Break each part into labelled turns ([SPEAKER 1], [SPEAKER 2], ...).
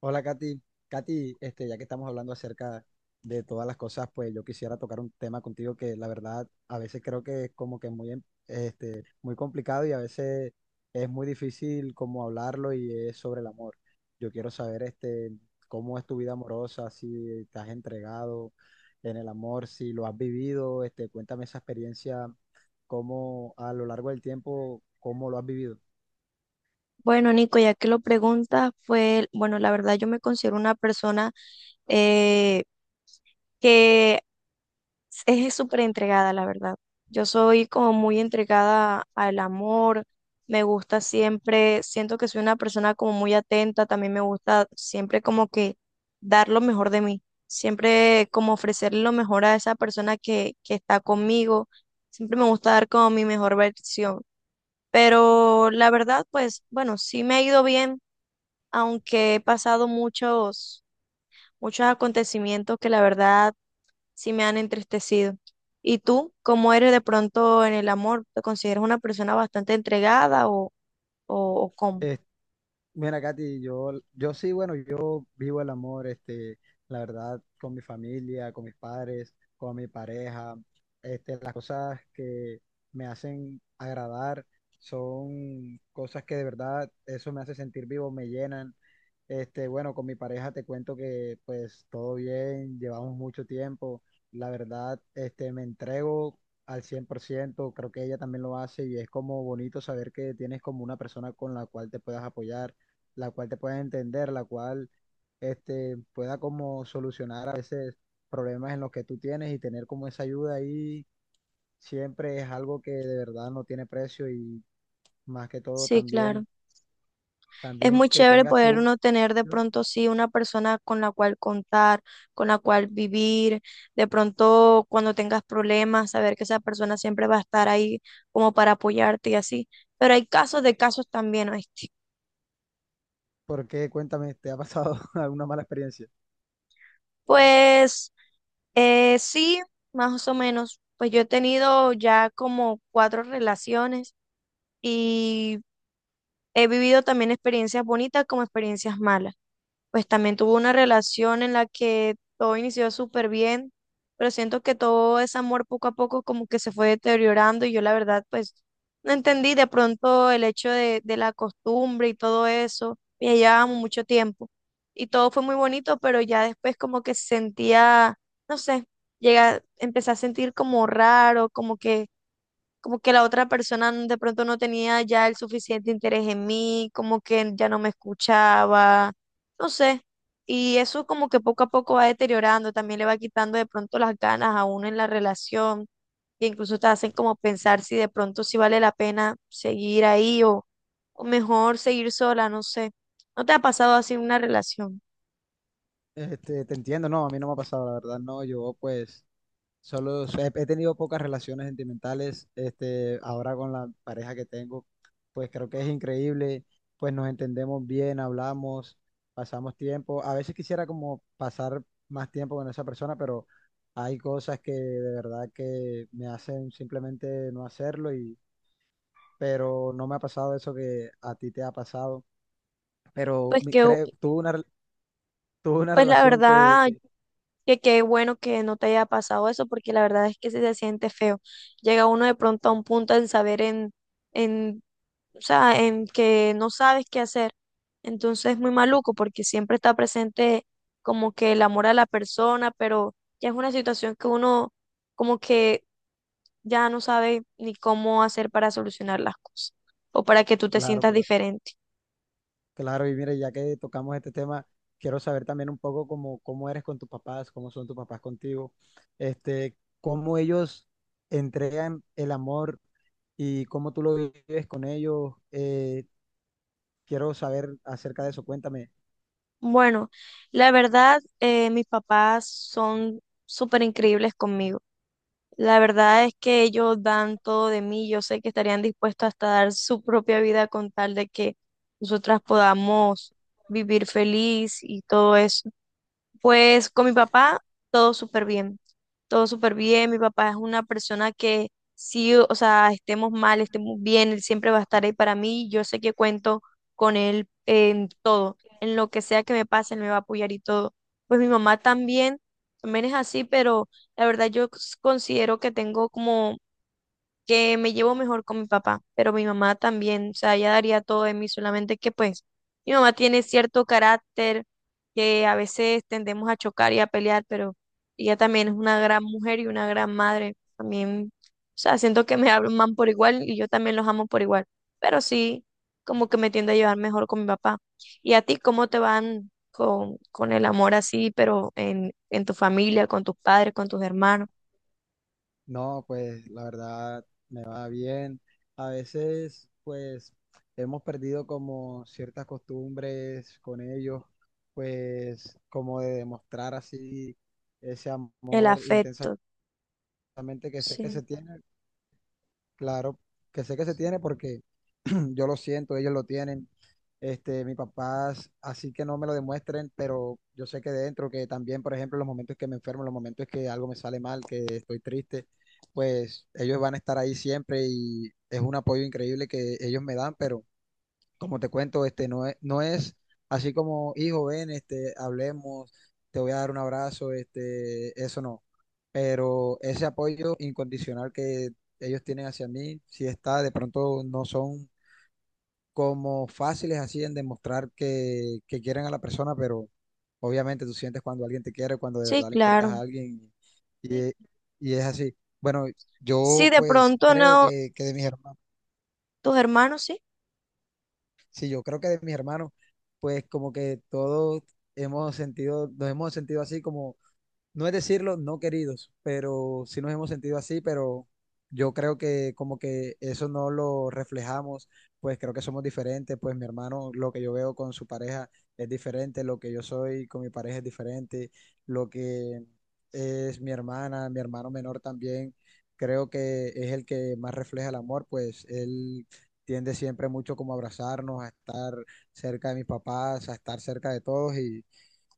[SPEAKER 1] Hola, Katy. Katy, ya que estamos hablando acerca de todas las cosas, pues yo quisiera tocar un tema contigo que la verdad a veces creo que es como que muy, muy complicado y a veces es muy difícil como hablarlo y es sobre el amor. Yo quiero saber cómo es tu vida amorosa, si te has entregado en el amor, si lo has vivido, cuéntame esa experiencia, cómo a lo largo del tiempo, cómo lo has vivido.
[SPEAKER 2] Bueno, Nico, ya que lo preguntas, fue, bueno, la verdad yo me considero una persona eh, que es súper entregada, la verdad. Yo soy como muy entregada al amor, me gusta siempre, siento que soy una persona como muy atenta, también me gusta siempre como que dar lo mejor de mí, siempre como ofrecerle lo mejor a esa persona que está conmigo, siempre me gusta dar como mi mejor versión. Pero la verdad, pues bueno, sí me ha ido bien aunque he pasado muchos acontecimientos que la verdad sí me han entristecido. ¿Y tú, cómo eres de pronto en el amor? ¿Te consideras una persona bastante entregada o, o cómo?
[SPEAKER 1] Mira, Katy, yo sí, bueno, yo vivo el amor, la verdad, con mi familia, con mis padres, con mi pareja. Las cosas que me hacen agradar son cosas que de verdad eso me hace sentir vivo, me llenan. Bueno, con mi pareja te cuento que pues todo bien, llevamos mucho tiempo. La verdad, me entrego al 100%, creo que ella también lo hace y es como bonito saber que tienes como una persona con la cual te puedas apoyar, la cual te pueda entender, la cual pueda como solucionar a veces problemas en los que tú tienes, y tener como esa ayuda ahí siempre es algo que de verdad no tiene precio. Y más que todo
[SPEAKER 2] Sí, claro.
[SPEAKER 1] también,
[SPEAKER 2] Es
[SPEAKER 1] también
[SPEAKER 2] muy
[SPEAKER 1] que
[SPEAKER 2] chévere
[SPEAKER 1] tengas.
[SPEAKER 2] poder
[SPEAKER 1] Tú,
[SPEAKER 2] uno tener de pronto sí una persona con la cual contar, con la cual vivir, de pronto cuando tengas problemas, saber que esa persona siempre va a estar ahí como para apoyarte y así. Pero hay casos de casos también, ¿oíste?
[SPEAKER 1] porque cuéntame, ¿te ha pasado alguna mala experiencia?
[SPEAKER 2] Pues sí, más o menos. Pues yo he tenido ya como cuatro relaciones y he vivido también experiencias bonitas como experiencias malas, pues también tuvo una relación en la que todo inició súper bien, pero siento que todo ese amor poco a poco como que se fue deteriorando y yo la verdad pues no entendí de pronto el hecho de la costumbre y todo eso, y ya llevábamos mucho tiempo y todo fue muy bonito, pero ya después como que sentía, no sé, llega, empecé a sentir como raro, como que la otra persona de pronto no tenía ya el suficiente interés en mí, como que ya no me escuchaba, no sé. Y eso como que poco a poco va deteriorando, también le va quitando de pronto las ganas a uno en la relación, e incluso te hacen como pensar si de pronto si vale la pena seguir ahí o mejor seguir sola, no sé. ¿No te ha pasado así una relación?
[SPEAKER 1] Te entiendo, no, a mí no me ha pasado, la verdad, no, yo pues. Solo, he tenido pocas relaciones sentimentales. Ahora con la pareja que tengo, pues creo que es increíble. Pues nos entendemos bien, hablamos, pasamos tiempo. A veces quisiera como pasar más tiempo con esa persona, pero hay cosas que de verdad que me hacen simplemente no hacerlo, y pero no me ha pasado eso que a ti te ha pasado. Pero
[SPEAKER 2] Pues que,
[SPEAKER 1] creo, tuve una
[SPEAKER 2] pues la
[SPEAKER 1] relación
[SPEAKER 2] verdad, que qué bueno que no te haya pasado eso, porque la verdad es que sí se siente feo. Llega uno de pronto a un punto en saber en o sea, en que no sabes qué hacer. Entonces es muy maluco, porque siempre está presente como que el amor a la persona, pero ya es una situación que uno como que ya no sabe ni cómo hacer para solucionar las cosas o para que tú te
[SPEAKER 1] claro,
[SPEAKER 2] sientas
[SPEAKER 1] claro.
[SPEAKER 2] diferente.
[SPEAKER 1] Claro, y mire, ya que tocamos este tema, quiero saber también un poco cómo eres con tus papás, cómo son tus papás contigo, cómo ellos entregan el amor y cómo tú lo vives con ellos. Quiero saber acerca de eso, cuéntame.
[SPEAKER 2] Bueno, la verdad, mis papás son súper increíbles conmigo. La verdad es que ellos dan todo de mí. Yo sé que estarían dispuestos hasta dar su propia vida con tal de que nosotras podamos vivir feliz y todo eso. Pues con mi papá todo súper bien, todo súper bien. Mi papá es una persona que sí, o sea, estemos mal, estemos bien, él siempre va a estar ahí para mí. Yo sé que cuento con él en todo, en lo que sea que me pase, él me va a apoyar y todo. Pues mi mamá también, también es así, pero la verdad yo considero que tengo como que me llevo mejor con mi papá, pero mi mamá también, o sea, ella daría todo de mí, solamente que pues mi mamá tiene cierto carácter que a veces tendemos a chocar y a pelear, pero ella también es una gran mujer y una gran madre, también, o sea, siento que me aman por igual y yo también los amo por igual, pero sí, como que me tiendo a llevar mejor con mi papá. ¿Y a ti cómo te van con el amor así, pero en tu familia, con tus padres, con tus hermanos,
[SPEAKER 1] No, pues la verdad me va bien. A veces, pues hemos perdido como ciertas costumbres con ellos, pues como de demostrar así ese
[SPEAKER 2] el
[SPEAKER 1] amor intenso.
[SPEAKER 2] afecto?
[SPEAKER 1] Exactamente, que sé que se
[SPEAKER 2] Sí,
[SPEAKER 1] tiene, claro, que sé que se tiene porque yo lo siento, ellos lo tienen, mis papás, así que no me lo demuestren, pero yo sé que dentro, que también, por ejemplo, los momentos que me enfermo, los momentos que algo me sale mal, que estoy triste, pues ellos van a estar ahí siempre y es un apoyo increíble que ellos me dan, pero como te cuento, no es así como, hijo, ven, hablemos, te voy a dar un abrazo, eso no. Pero ese apoyo incondicional que ellos tienen hacia mí si está. De pronto no son como fáciles así en demostrar que quieren a la persona, pero obviamente tú sientes cuando alguien te quiere, cuando de
[SPEAKER 2] sí,
[SPEAKER 1] verdad le importas
[SPEAKER 2] claro.
[SPEAKER 1] a alguien, y, y es así. Bueno,
[SPEAKER 2] Sí,
[SPEAKER 1] yo
[SPEAKER 2] de
[SPEAKER 1] pues
[SPEAKER 2] pronto
[SPEAKER 1] creo
[SPEAKER 2] no,
[SPEAKER 1] que, de mis hermanos.
[SPEAKER 2] tus hermanos, sí.
[SPEAKER 1] Sí, yo creo que de mis hermanos, pues como que todos hemos sentido, nos hemos sentido así como, no es decirlo, no queridos, pero sí nos hemos sentido así, pero yo creo que como que eso no lo reflejamos, pues creo que somos diferentes. Pues mi hermano, lo que yo veo con su pareja es diferente, lo que yo soy con mi pareja es diferente, lo que es mi hermana, mi hermano menor también, creo que es el que más refleja el amor, pues él tiende siempre mucho como a abrazarnos, a estar cerca de mis papás, a estar cerca de todos, y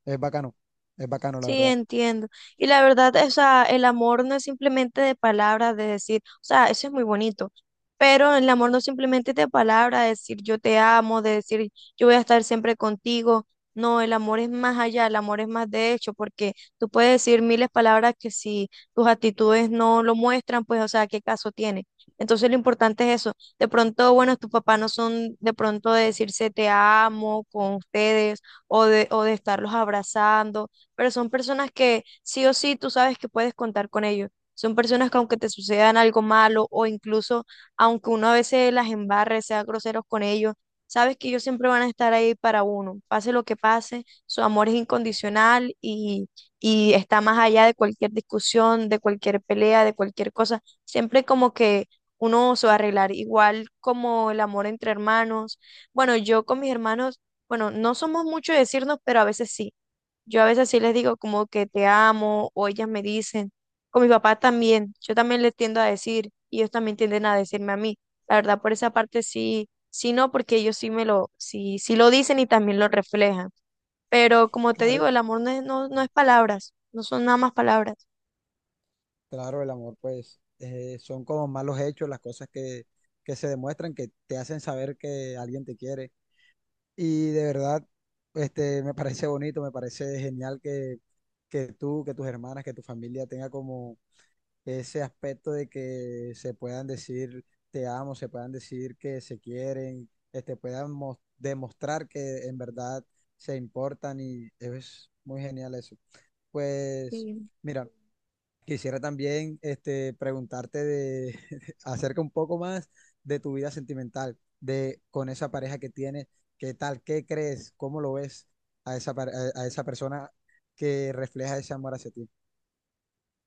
[SPEAKER 1] es bacano, es bacano la
[SPEAKER 2] Sí,
[SPEAKER 1] verdad.
[SPEAKER 2] entiendo. Y la verdad, o sea, el amor no es simplemente de palabras, de decir, o sea, eso es muy bonito, pero el amor no simplemente es de palabras, de decir yo te amo, de decir yo voy a estar siempre contigo. No, el amor es más allá, el amor es más de hecho, porque tú puedes decir miles de palabras que si tus actitudes no lo muestran, pues, o sea, ¿qué caso tiene? Entonces lo importante es eso. De pronto, bueno, tus papás no son de pronto de decirse te amo con ustedes o de estarlos abrazando, pero son personas que sí o sí tú sabes que puedes contar con ellos. Son personas que aunque te sucedan algo malo o incluso aunque uno a veces las embarre, sea groseros con ellos, sabes que ellos siempre van a estar ahí para uno. Pase lo que pase, su amor es incondicional y está más allá de cualquier discusión, de cualquier pelea, de cualquier cosa. Siempre como que uno se va a arreglar, igual como el amor entre hermanos. Bueno, yo con mis hermanos, bueno, no somos mucho de decirnos, pero a veces sí. Yo a veces sí les digo como que te amo o ellas me dicen, con mi papá también, yo también les tiendo a decir y ellos también tienden a decirme a mí. La verdad, por esa parte sí, sí no, porque ellos sí me lo, sí, sí lo dicen y también lo reflejan. Pero como te digo, el
[SPEAKER 1] Claro,
[SPEAKER 2] amor no es, no, no es palabras, no son nada más palabras.
[SPEAKER 1] claro, el amor, pues, son como malos hechos, las cosas que se demuestran, que te hacen saber que alguien te quiere. Y de verdad, me parece bonito, me parece genial que, tú, que tus hermanas, que tu familia tenga como ese aspecto de que se puedan decir te amo, se puedan decir que se quieren, puedan demostrar que en verdad se importan, y es muy genial eso. Pues,
[SPEAKER 2] Sí.
[SPEAKER 1] mira. Quisiera también preguntarte de, acerca un poco más de tu vida sentimental, de con esa pareja que tienes, qué tal, qué crees, cómo lo ves a esa, a esa persona que refleja ese amor hacia ti.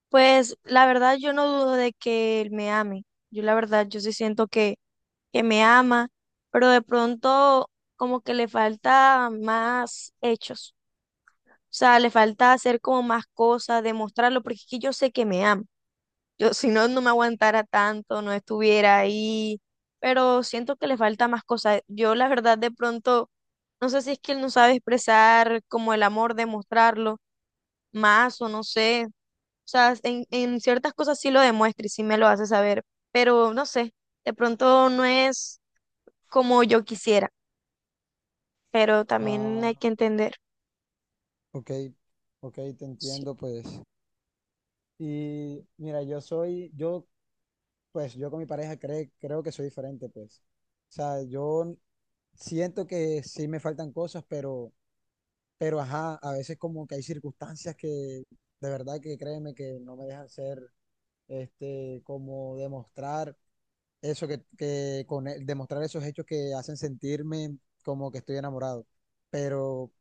[SPEAKER 2] Pues la verdad yo no dudo de que él me ame. Yo la verdad yo sí siento que me ama, pero de pronto como que le falta más hechos. O sea, le falta hacer como más cosas, demostrarlo, porque es que yo sé que me ama. Yo, si no, no me aguantara tanto, no estuviera ahí, pero siento que le falta más cosas. Yo, la verdad, de pronto, no sé si es que él no sabe expresar como el amor, demostrarlo más o no sé. O sea, en ciertas cosas sí lo demuestra y sí me lo hace saber, pero no sé, de pronto no es como yo quisiera, pero también hay
[SPEAKER 1] Ah,
[SPEAKER 2] que entender.
[SPEAKER 1] ok, ok, te
[SPEAKER 2] Sí.
[SPEAKER 1] entiendo, pues. Y mira, pues, yo con mi pareja creo que soy diferente, pues. O sea, yo siento que sí me faltan cosas, pero ajá, a veces como que hay circunstancias que de verdad que créeme que no me dejan hacer, como demostrar eso demostrar esos hechos que hacen sentirme como que estoy enamorado. Pero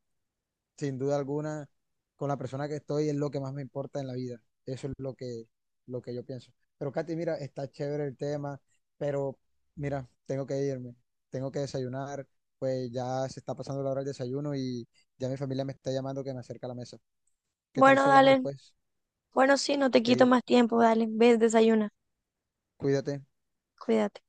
[SPEAKER 1] sin duda alguna, con la persona que estoy es lo que más me importa en la vida. Eso es lo que yo pienso. Pero Katy, mira, está chévere el tema, pero mira, tengo que irme, tengo que desayunar, pues ya se está pasando la hora del desayuno y ya mi familia me está llamando que me acerque a la mesa. ¿Qué tal
[SPEAKER 2] Bueno,
[SPEAKER 1] si hablamos
[SPEAKER 2] dale.
[SPEAKER 1] después?
[SPEAKER 2] Bueno, sí, no te
[SPEAKER 1] Ok,
[SPEAKER 2] quito más tiempo, dale, ves, desayuna,
[SPEAKER 1] cuídate.
[SPEAKER 2] cuídate.